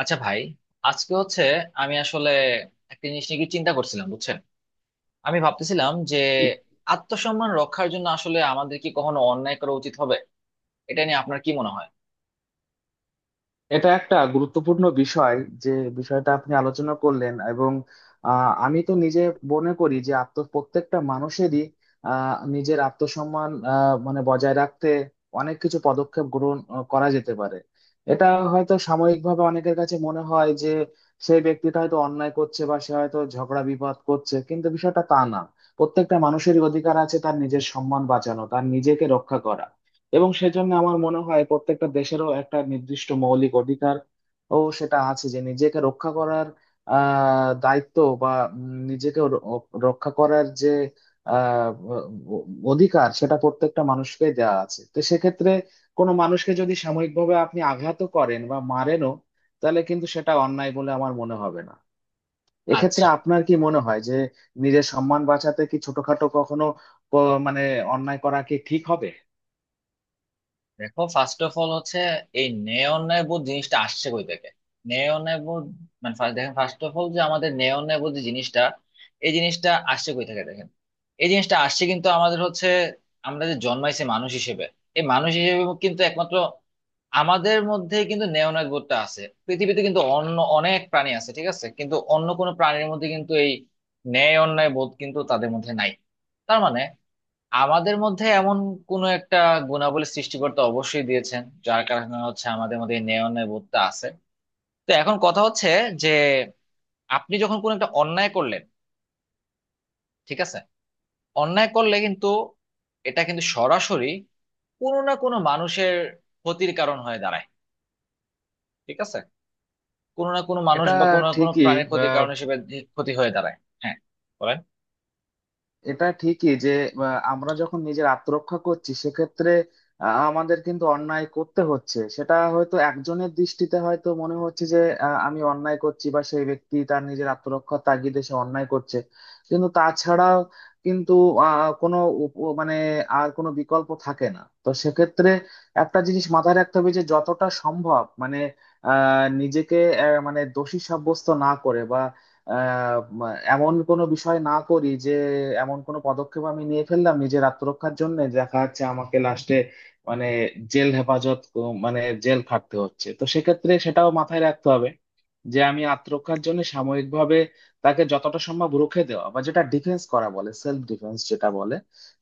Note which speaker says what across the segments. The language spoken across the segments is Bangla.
Speaker 1: আচ্ছা ভাই, আজকে হচ্ছে আমি আসলে একটা জিনিস নিয়ে কি চিন্তা করছিলাম বুঝছেন। আমি ভাবতেছিলাম যে
Speaker 2: কি-
Speaker 1: আত্মসম্মান রক্ষার জন্য আসলে আমাদের কি কখনো অন্যায় করা উচিত হবে? এটা নিয়ে আপনার কি মনে হয়?
Speaker 2: এটা একটা গুরুত্বপূর্ণ বিষয় যে বিষয়টা আপনি আলোচনা করলেন। এবং আমি তো নিজে মনে করি যে আত্ম প্রত্যেকটা মানুষেরই নিজের আত্মসম্মান মানে বজায় রাখতে অনেক কিছু পদক্ষেপ গ্রহণ করা যেতে পারে। এটা হয়তো সাময়িকভাবে অনেকের কাছে মনে হয় যে সেই ব্যক্তিটা হয়তো অন্যায় করছে বা সে হয়তো ঝগড়া বিবাদ করছে, কিন্তু বিষয়টা তা না। প্রত্যেকটা মানুষেরই অধিকার আছে তার নিজের সম্মান বাঁচানো, তার নিজেকে রক্ষা করা। এবং সেজন্য আমার মনে হয় প্রত্যেকটা দেশেরও একটা নির্দিষ্ট মৌলিক অধিকার ও সেটা আছে যে নিজেকে রক্ষা করার দায়িত্ব বা নিজেকে রক্ষা করার যে আহ অধিকার সেটা প্রত্যেকটা মানুষকে দেওয়া আছে। তো সেক্ষেত্রে কোনো মানুষকে যদি সাময়িকভাবে আপনি আঘাতও করেন বা মারেনও, তাহলে কিন্তু সেটা অন্যায় বলে আমার মনে হবে না। এক্ষেত্রে
Speaker 1: আচ্ছা,
Speaker 2: আপনার কি মনে হয় যে নিজের সম্মান বাঁচাতে কি ছোটখাটো কখনো মানে অন্যায় করা কি ঠিক হবে?
Speaker 1: দেখো ফার্স্ট অফ অল হচ্ছে এই নেয়ন বুথ জিনিসটা আসছে কই থেকে? নেয়ন বুথ মানে দেখেন ফার্স্ট অফ অল যে আমাদের নেয়ন বুথ যে জিনিসটা, এই জিনিসটা আসছে কই থেকে দেখেন। এই জিনিসটা আসছে কিন্তু আমাদের হচ্ছে, আমরা যে জন্মাইছে মানুষ হিসেবে, এই মানুষ হিসেবে কিন্তু একমাত্র আমাদের মধ্যে কিন্তু নেওনাদ বোধটা আছে। পৃথিবীতে কিন্তু অন্য অনেক প্রাণী আছে, ঠিক আছে, কিন্তু অন্য কোনো প্রাণীর মধ্যে কিন্তু এই ন্যায় অন্যায় বোধ কিন্তু তাদের মধ্যে নাই। তার মানে আমাদের মধ্যে এমন কোন একটা গুণাবলী সৃষ্টিকর্তা অবশ্যই দিয়েছেন, যার কারণে হচ্ছে আমাদের মধ্যে এই ন্যায় বোধটা আছে। তো এখন কথা হচ্ছে যে আপনি যখন কোন একটা অন্যায় করলেন, ঠিক আছে, অন্যায় করলে কিন্তু এটা কিন্তু সরাসরি কোনো না কোনো মানুষের ক্ষতির কারণ হয়ে দাঁড়ায়। ঠিক আছে, কোনো না কোনো মানুষ
Speaker 2: এটা
Speaker 1: বা কোনো না কোনো
Speaker 2: ঠিকই।
Speaker 1: প্রাণীর ক্ষতির
Speaker 2: আহ,
Speaker 1: কারণ হিসেবে ক্ষতি হয়ে দাঁড়ায়। হ্যাঁ, বলেন।
Speaker 2: এটা ঠিকই যে আহ, আমরা যখন নিজের আত্মরক্ষা করছি সেক্ষেত্রে আমাদের কিন্তু অন্যায় করতে হচ্ছে। সেটা হয়তো একজনের দৃষ্টিতে হয়তো মনে হচ্ছে যে আমি অন্যায় করছি, বা সেই ব্যক্তি তার নিজের আত্মরক্ষার তাগিদে সে অন্যায় করছে। কিন্তু তাছাড়াও কিন্তু কোনো মানে আর কোনো বিকল্প থাকে না, তো সেক্ষেত্রে একটা জিনিস মাথায় রাখতে হবে যে যতটা সম্ভব মানে নিজেকে মানে দোষী সাব্যস্ত না করে বা আহ, এমন কোনো বিষয় না করি যে এমন কোনো পদক্ষেপ আমি নিয়ে ফেললাম নিজের আত্মরক্ষার জন্য, দেখা যাচ্ছে আমাকে লাস্টে মানে জেল হেফাজত মানে জেল খাটতে হচ্ছে। তো সেক্ষেত্রে সেটাও মাথায় রাখতে হবে যে আমি আত্মরক্ষার জন্য সাময়িকভাবে তাকে যতটা সম্ভব রুখে দেওয়া, বা যেটা ডিফেন্স করা বলে, সেলফ ডিফেন্স যেটা বলে,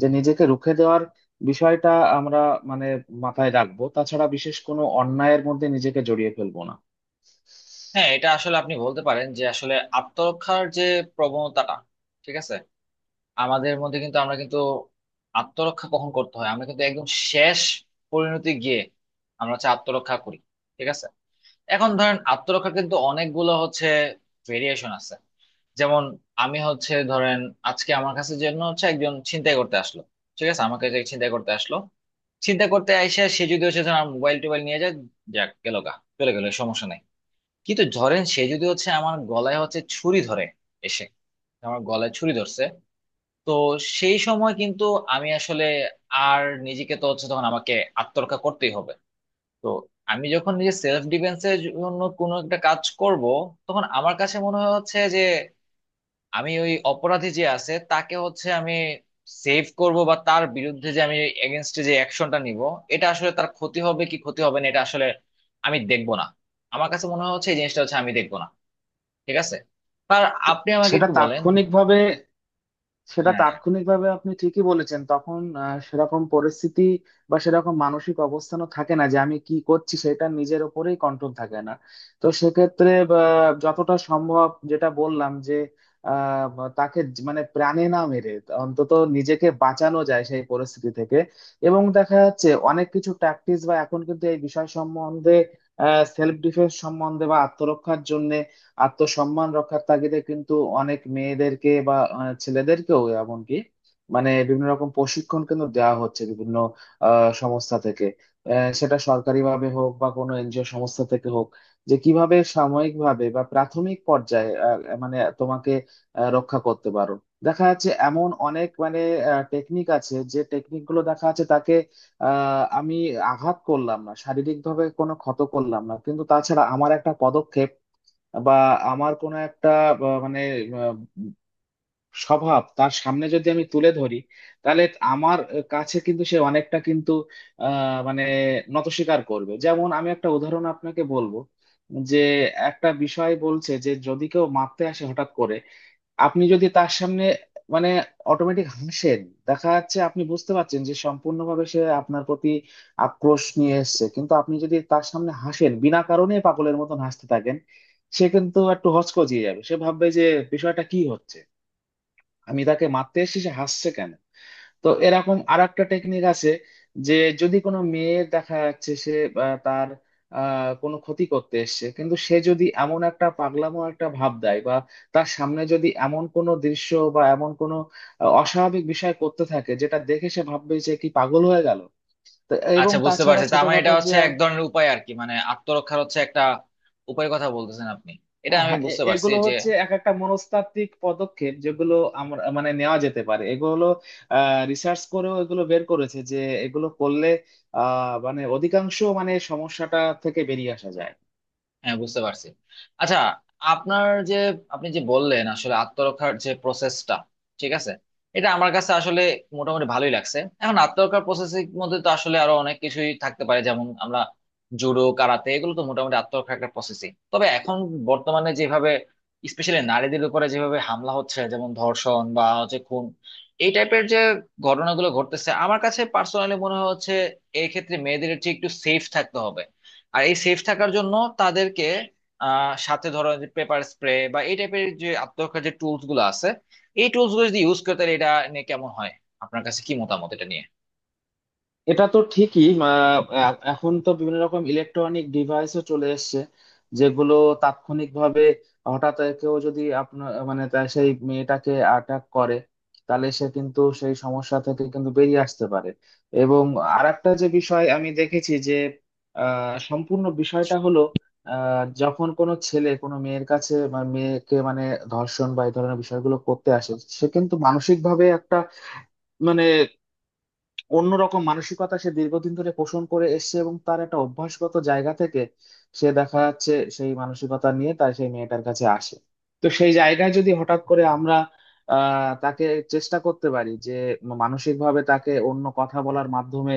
Speaker 2: যে নিজেকে রুখে দেওয়ার বিষয়টা আমরা মানে মাথায় রাখবো, তাছাড়া বিশেষ কোনো অন্যায়ের মধ্যে নিজেকে জড়িয়ে ফেলবো না।
Speaker 1: হ্যাঁ, এটা আসলে আপনি বলতে পারেন যে আসলে আত্মরক্ষার যে প্রবণতাটা, ঠিক আছে, আমাদের মধ্যে কিন্তু আমরা কিন্তু আত্মরক্ষা কখন করতে হয়, আমরা কিন্তু একদম শেষ পরিণতি গিয়ে আমরা হচ্ছে আত্মরক্ষা করি। ঠিক আছে, এখন ধরেন আত্মরক্ষা কিন্তু অনেকগুলো হচ্ছে ভেরিয়েশন আছে। যেমন আমি হচ্ছে ধরেন, আজকে আমার কাছে জন্য হচ্ছে একজন ছিনতাই করতে আসলো, ঠিক আছে, আমাকে যে ছিনতাই করতে আসলো, চিন্তা করতে আইসা সে যদি হচ্ছে ধরেন মোবাইল টোবাইল নিয়ে যায়, যাক গেল গা, চলে গেলো, সমস্যা নাই। কিন্তু ধরেন সে যদি হচ্ছে আমার গলায় হচ্ছে ছুরি ধরে এসে আমার গলায় ছুরি ধরছে, তো সেই সময় কিন্তু আমি আসলে আর নিজেকে, তো হচ্ছে তখন আমাকে আত্মরক্ষা করতেই হবে। তো আমি যখন নিজে সেলফ ডিফেন্সের জন্য কোনো একটা কাজ করব, তখন আমার কাছে মনে হয় হচ্ছে যে আমি ওই অপরাধী যে আছে তাকে হচ্ছে আমি সেভ করব বা তার বিরুদ্ধে যে আমি এগেনস্টে যে অ্যাকশনটা নিব, এটা আসলে তার ক্ষতি হবে কি ক্ষতি হবে না এটা আসলে আমি দেখবো না। আমার কাছে মনে হচ্ছে এই জিনিসটা হচ্ছে আমি দেখবো না। ঠিক আছে, আর আপনি আমাকে
Speaker 2: সেটা
Speaker 1: একটু বলেন।
Speaker 2: তাৎক্ষণিকভাবে সেটা
Speaker 1: হ্যাঁ,
Speaker 2: তাৎক্ষণিকভাবে আপনি ঠিকই বলেছেন। তখন সেরকম পরিস্থিতি বা সেরকম মানসিক অবস্থানও থাকে না যে আমি কি করছি, সেটা নিজের ওপরেই কন্ট্রোল থাকে না। তো সেক্ষেত্রে বা, যতটা সম্ভব যেটা বললাম যে বা তাকে মানে প্রাণে না মেরে অন্তত নিজেকে বাঁচানো যায় সেই পরিস্থিতি থেকে। এবং দেখা যাচ্ছে অনেক কিছু প্র্যাকটিস বা এখন কিন্তু এই বিষয় সম্বন্ধে, সেলফ ডিফেন্স সম্বন্ধে, বা আত্মরক্ষার জন্য, আত্মসম্মান রক্ষার তাগিদে কিন্তু অনেক মেয়েদেরকে বা ছেলেদেরকেও এমনকি মানে বিভিন্ন রকম প্রশিক্ষণ কিন্তু দেওয়া হচ্ছে বিভিন্ন সংস্থা থেকে, সেটা সরকারি ভাবে হোক বা কোনো এনজিও সংস্থা থেকে হোক, যে কিভাবে সাময়িক ভাবে বা প্রাথমিক পর্যায়ে মানে তোমাকে রক্ষা করতে পারো। দেখা যাচ্ছে এমন অনেক মানে টেকনিক আছে যে টেকনিক গুলো দেখা যাচ্ছে তাকে আহ আমি আঘাত করলাম না, শারীরিক ভাবে কোনো ক্ষত করলাম না, কিন্তু তাছাড়া আমার একটা পদক্ষেপ বা আমার কোনো একটা মানে আহ, স্বভাব তার সামনে যদি আমি তুলে ধরি, তাহলে আমার কাছে কিন্তু সে অনেকটা কিন্তু আহ, মানে নতস্বীকার করবে। যেমন আমি একটা উদাহরণ আপনাকে বলবো যে একটা বিষয় বলছে যে যদি কেউ মারতে আসে হঠাৎ করে, আপনি যদি তার সামনে মানে অটোমেটিক হাসেন, দেখা যাচ্ছে আপনি বুঝতে পারছেন যে সম্পূর্ণভাবে সে আপনার প্রতি আক্রোশ নিয়ে এসেছে, কিন্তু আপনি যদি তার সামনে হাসেন বিনা কারণে পাগলের মতন হাসতে থাকেন, সে কিন্তু একটু হকচকিয়ে যাবে। সে ভাববে যে বিষয়টা কি হচ্ছে, আমি তাকে মারতে এসেছি সে হাসছে কেন। তো এরকম আর একটা টেকনিক আছে, যে যদি কোনো মেয়ের দেখা যাচ্ছে সে তার কোনো ক্ষতি করতে এসছে, কিন্তু সে যদি এমন একটা পাগলামো একটা ভাব দেয় বা তার সামনে যদি এমন কোনো দৃশ্য বা এমন কোনো অস্বাভাবিক বিষয় করতে থাকে, যেটা দেখে সে ভাববে যে কি পাগল হয়ে গেল। তো এবং
Speaker 1: আচ্ছা বুঝতে
Speaker 2: তাছাড়া
Speaker 1: পারছি, তার মানে এটা
Speaker 2: ছোটখাটো যে
Speaker 1: হচ্ছে এক ধরনের উপায় আর কি, মানে আত্মরক্ষার হচ্ছে একটা উপায় কথা বলতেছেন আপনি, এটা আমি
Speaker 2: হ্যাঁ,
Speaker 1: বুঝতে পারছি
Speaker 2: এগুলো
Speaker 1: যে।
Speaker 2: হচ্ছে এক একটা মনস্তাত্ত্বিক পদক্ষেপ যেগুলো আমরা মানে নেওয়া যেতে পারে। এগুলো রিসার্চ করেও এগুলো বের করেছে যে এগুলো করলে মানে অধিকাংশ মানে সমস্যাটা থেকে বেরিয়ে আসা যায়।
Speaker 1: হ্যাঁ, বুঝতে পারছি। আচ্ছা, আপনার যে, আপনি যে বললেন আসলে আত্মরক্ষার যে প্রসেসটা, ঠিক আছে, এটা আমার কাছে আসলে মোটামুটি ভালোই লাগছে। এখন আত্মরক্ষার প্রসেসের মধ্যে তো আসলে আরো অনেক কিছুই থাকতে পারে, যেমন আমরা জুডো কারাতে এগুলো তো মোটামুটি আত্মরক্ষার একটা প্রসেসিং, তবে এখন বর্তমানে যেভাবে স্পেশালি নারীদের উপরে যেভাবে হামলা হচ্ছে, যেমন ধর্ষণ বা হচ্ছে খুন, এই টাইপের যে ঘটনাগুলো ঘটতেছে, আমার কাছে পার্সোনালি মনে হচ্ছে এই ক্ষেত্রে মেয়েদের ঠিক একটু সেফ থাকতে হবে। আর এই সেফ থাকার জন্য তাদেরকে সাথে ধরো যে পেপার স্প্রে বা এই টাইপের যে আত্মরক্ষার যে টুলস গুলো আছে, এই টুলস গুলো যদি ইউজ করে, তাহলে এটা নিয়ে কেমন হয়? আপনার কাছে কি মতামত এটা নিয়ে?
Speaker 2: এটা তো ঠিকই এখন তো বিভিন্ন রকম ইলেকট্রনিক ডিভাইসও চলে এসেছে যেগুলো তাৎক্ষণিকভাবে হঠাৎ কেউ যদি আপনার মানে তার সেই মেয়েটাকে অ্যাটাক করে, তাহলে সে কিন্তু সেই সমস্যা থেকে কিন্তু বেরিয়ে আসতে পারে। এবং আরেকটা যে বিষয় আমি দেখেছি যে সম্পূর্ণ বিষয়টা হলো যখন কোনো ছেলে কোনো মেয়ের কাছে বা মেয়েকে মানে ধর্ষণ বা এই ধরনের বিষয়গুলো করতে আসে, সে কিন্তু মানসিকভাবে একটা মানে অন্যরকম মানসিকতা সে দীর্ঘদিন ধরে পোষণ করে এসছে, এবং তার একটা অভ্যাসগত জায়গা থেকে সে দেখা যাচ্ছে সেই মানসিকতা নিয়ে তার সেই মেয়েটার কাছে আসে। তো সেই জায়গায় যদি হঠাৎ করে আমরা তাকে চেষ্টা করতে পারি যে মানসিকভাবে তাকে অন্য কথা বলার মাধ্যমে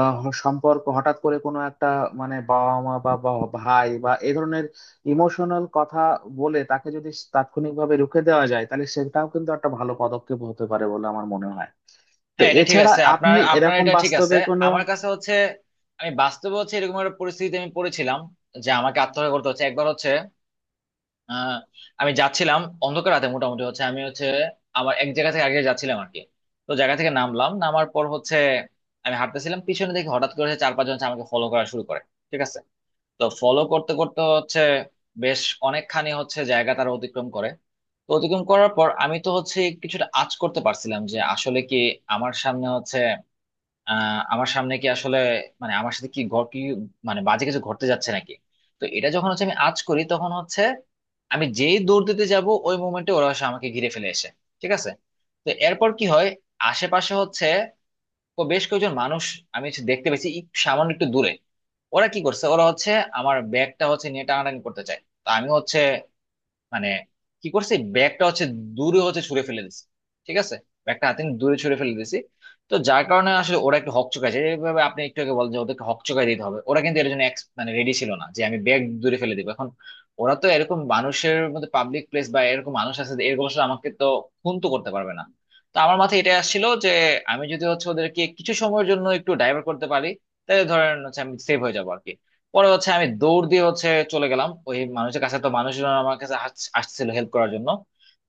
Speaker 2: সম্পর্ক হঠাৎ করে কোনো একটা মানে বাবা মা বা বা ভাই বা এ ধরনের ইমোশনাল কথা বলে তাকে যদি তাৎক্ষণিকভাবে রুখে দেওয়া যায়, তাহলে সেটাও কিন্তু একটা ভালো পদক্ষেপ হতে পারে বলে আমার মনে হয়। তো
Speaker 1: হ্যাঁ, এটা ঠিক
Speaker 2: এছাড়া
Speaker 1: আছে, আপনার
Speaker 2: আপনি
Speaker 1: আপনার
Speaker 2: এরকম
Speaker 1: এটা ঠিক আছে।
Speaker 2: বাস্তবে কোনো
Speaker 1: আমার কাছে হচ্ছে, আমি বাস্তবে হচ্ছে এরকম একটা পরিস্থিতিতে আমি পড়েছিলাম যে আমাকে আত্মহত্যা করতে হচ্ছে একবার হচ্ছে। আহ, আমি যাচ্ছিলাম অন্ধকার রাতে মোটামুটি হচ্ছে, আমি হচ্ছে আমার এক জায়গা থেকে আগে যাচ্ছিলাম আর কি। তো জায়গা থেকে নামলাম, নামার পর হচ্ছে আমি হাঁটতেছিলাম, পিছনে দেখি হঠাৎ করে হচ্ছে চার পাঁচজন হচ্ছে আমাকে ফলো করা শুরু করে। ঠিক আছে, তো ফলো করতে করতে হচ্ছে বেশ অনেকখানি হচ্ছে জায়গা তারা অতিক্রম করে। তো অতিক্রম করার পর আমি তো হচ্ছে কিছুটা আঁচ করতে পারছিলাম যে আসলে কি আমার সামনে হচ্ছে, আমার সামনে কি আসলে, মানে আমার সাথে কি ঘট কি মানে বাজে কিছু ঘটতে যাচ্ছে নাকি। তো এটা যখন হচ্ছে আমি আজ করি তখন হচ্ছে আমি যেই দৌড় দিতে যাব ওই মোমেন্টে ওরা হচ্ছে আমাকে ঘিরে ফেলে এসে। ঠিক আছে, তো এরপর কি হয়, আশেপাশে হচ্ছে বেশ কয়েকজন মানুষ আমি হচ্ছে দেখতে পেয়েছি একটু সামান্য একটু দূরে। ওরা কি করছে, ওরা হচ্ছে আমার ব্যাগটা হচ্ছে নিয়ে টানাটানি করতে চায়, তো আমি হচ্ছে, মানে কি করছি, ব্যাগটা হচ্ছে দূরে হচ্ছে ছুঁড়ে ফেলে দিছি। ঠিক আছে, ব্যাগটা হাতে নিয়ে দূরে ছুঁড়ে ফেলে দিছি। তো যার কারণে আসলে ওরা একটু হকচকায় যায়, এইভাবে আপনি একটু আগে বলেন যে ওদেরকে হকচকায় দিতে হবে, ওরা কিন্তু এর জন্য মানে রেডি ছিল না যে আমি ব্যাগ দূরে ফেলে দিব এখন। ওরা তো এরকম মানুষের মধ্যে পাবলিক প্লেস বা এরকম মানুষ আছে যে এরকম আসলে আমাকে তো খুন তো করতে পারবে না। তো আমার মাথায় এটা আসছিল যে আমি যদি হচ্ছে ওদেরকে কিছু সময়ের জন্য একটু ডাইভার্ট করতে পারি তাহলে ধরেন হচ্ছে আমি সেভ হয়ে যাবো আর কি। পরে হচ্ছে আমি দৌড় দিয়ে হচ্ছে চলে গেলাম ওই মানুষের কাছে, তো মানুষজন আমার কাছে আসছিল হেল্প করার জন্য।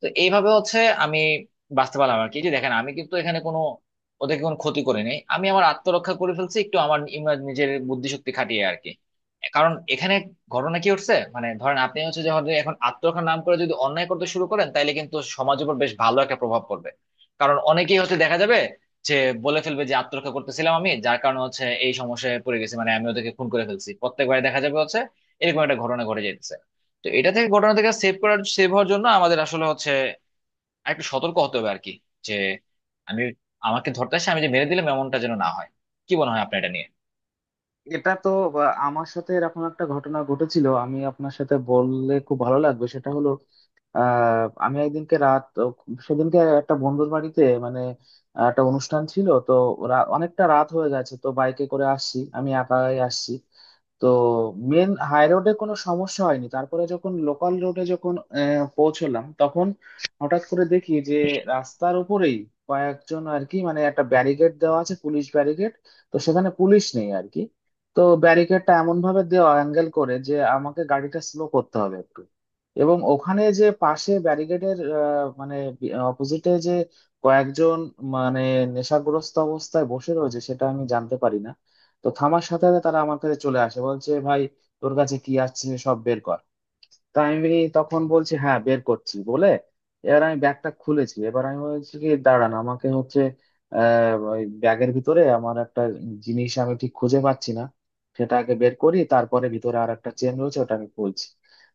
Speaker 1: তো এইভাবে হচ্ছে আমি বাঁচতে পারলাম আর কি। এই যে দেখেন, আমি কিন্তু এখানে কোনো ওদেরকে কোনো ক্ষতি করিনি, আমি আমার আত্মরক্ষা করে ফেলছি একটু আমার নিজের বুদ্ধিশক্তি খাটিয়ে আর কি। কারণ এখানে ঘটনা কি হচ্ছে, মানে ধরেন আপনি হচ্ছে যখন এখন আত্মরক্ষার নাম করে যদি অন্যায় করতে শুরু করেন, তাইলে কিন্তু সমাজের উপর বেশ ভালো একটা প্রভাব পড়বে। কারণ অনেকেই হচ্ছে দেখা যাবে যে বলে ফেলবে যে আত্মরক্ষা করতেছিলাম আমি, যার কারণে হচ্ছে এই সমস্যায় পড়ে গেছি, মানে আমি ওদেরকে খুন করে ফেলছি, প্রত্যেকবারে দেখা যাবে হচ্ছে এরকম একটা ঘটনা ঘটে যেতেছে। তো এটা থেকে, ঘটনা থেকে সেভ করার, সেভ হওয়ার জন্য আমাদের আসলে হচ্ছে একটু সতর্ক হতে হবে আর কি, যে আমি, আমাকে ধরতে আসে আমি যে মেরে দিলাম, এমনটা যেন না হয়। কি মনে হয় আপনার এটা নিয়ে?
Speaker 2: এটা তো বা আমার সাথে এরকম একটা ঘটনা ঘটেছিল আমি আপনার সাথে বললে খুব ভালো লাগবে। সেটা হলো আমি একদিনকে রাত সেদিনকে একটা বন্ধুর বাড়িতে মানে একটা অনুষ্ঠান ছিল তো অনেকটা রাত হয়ে গেছে, তো বাইকে করে আসছি, আমি একাই আসছি। তো মেন হাই রোডে কোনো সমস্যা হয়নি, তারপরে যখন লোকাল রোডে যখন পৌঁছলাম তখন হঠাৎ করে দেখি যে রাস্তার উপরেই কয়েকজন আর কি মানে একটা ব্যারিকেড দেওয়া আছে, পুলিশ ব্যারিকেড। তো সেখানে পুলিশ নেই আর কি। তো ব্যারিকেডটা এমন ভাবে দেওয়া অ্যাঙ্গেল করে যে আমাকে গাড়িটা স্লো করতে হবে, এবং ওখানে যে পাশে ব্যারিকেডের মানে অপোজিটে যে কয়েকজন মানে নেশাগ্রস্ত অবস্থায় বসে রয়েছে সেটা আমি জানতে পারি না। তো থামার সাথে সাথে তারা আমার কাছে চলে আসে, বলছে ভাই, তোর কাছে কি আছে সব বের কর। তা আমি তখন বলছি হ্যাঁ বের করছি বলে, এবার আমি ব্যাগটা খুলেছি। এবার আমি বলছি কি দাঁড়ান আমাকে হচ্ছে ওই ব্যাগের ভিতরে আমার একটা জিনিস আমি ঠিক খুঁজে পাচ্ছি না, সেটা আগে বের করি, তারপরে ভিতরে আর একটা চেন রয়েছে ওটা আমি খুলছি।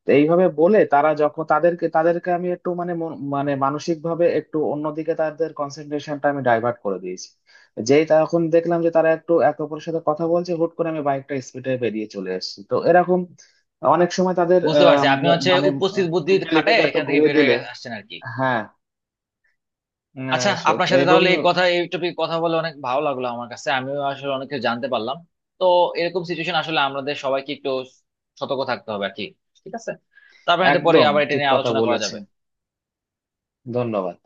Speaker 2: তো এইভাবে বলে তারা যখন তাদেরকে তাদেরকে আমি একটু মানে মানে মানসিক ভাবে একটু অন্যদিকে তাদের কনসেন্ট্রেশনটা আমি ডাইভার্ট করে দিয়েছি। যেই তখন দেখলাম যে তারা একটু একে অপরের সাথে কথা বলছে, হুট করে আমি বাইকটা স্পিডে বেরিয়ে চলে এসেছি। তো এরকম অনেক সময় তাদের
Speaker 1: বুঝতে পারছি, আপনি হচ্ছে
Speaker 2: মানে
Speaker 1: উপস্থিত বুদ্ধি খাটায়
Speaker 2: মেন্টালিটিটা একটু
Speaker 1: এখান থেকে
Speaker 2: ঘুরিয়ে
Speaker 1: বের
Speaker 2: দিলে
Speaker 1: হয়ে আসছেন আর কি।
Speaker 2: হ্যাঁ
Speaker 1: আচ্ছা, আপনার সাথে
Speaker 2: এবং
Speaker 1: তাহলে এই কথা, এই টপিকে কথা বলে অনেক ভালো লাগলো আমার কাছে, আমিও আসলে অনেক কিছু জানতে পারলাম। তো এরকম সিচুয়েশন আসলে আমাদের সবাইকে একটু সতর্ক থাকতে হবে আর কি। ঠিক আছে, তারপরে পরে
Speaker 2: একদম
Speaker 1: আবার এটা
Speaker 2: ঠিক
Speaker 1: নিয়ে
Speaker 2: কথা
Speaker 1: আলোচনা করা যাবে।
Speaker 2: বলেছেন। ধন্যবাদ।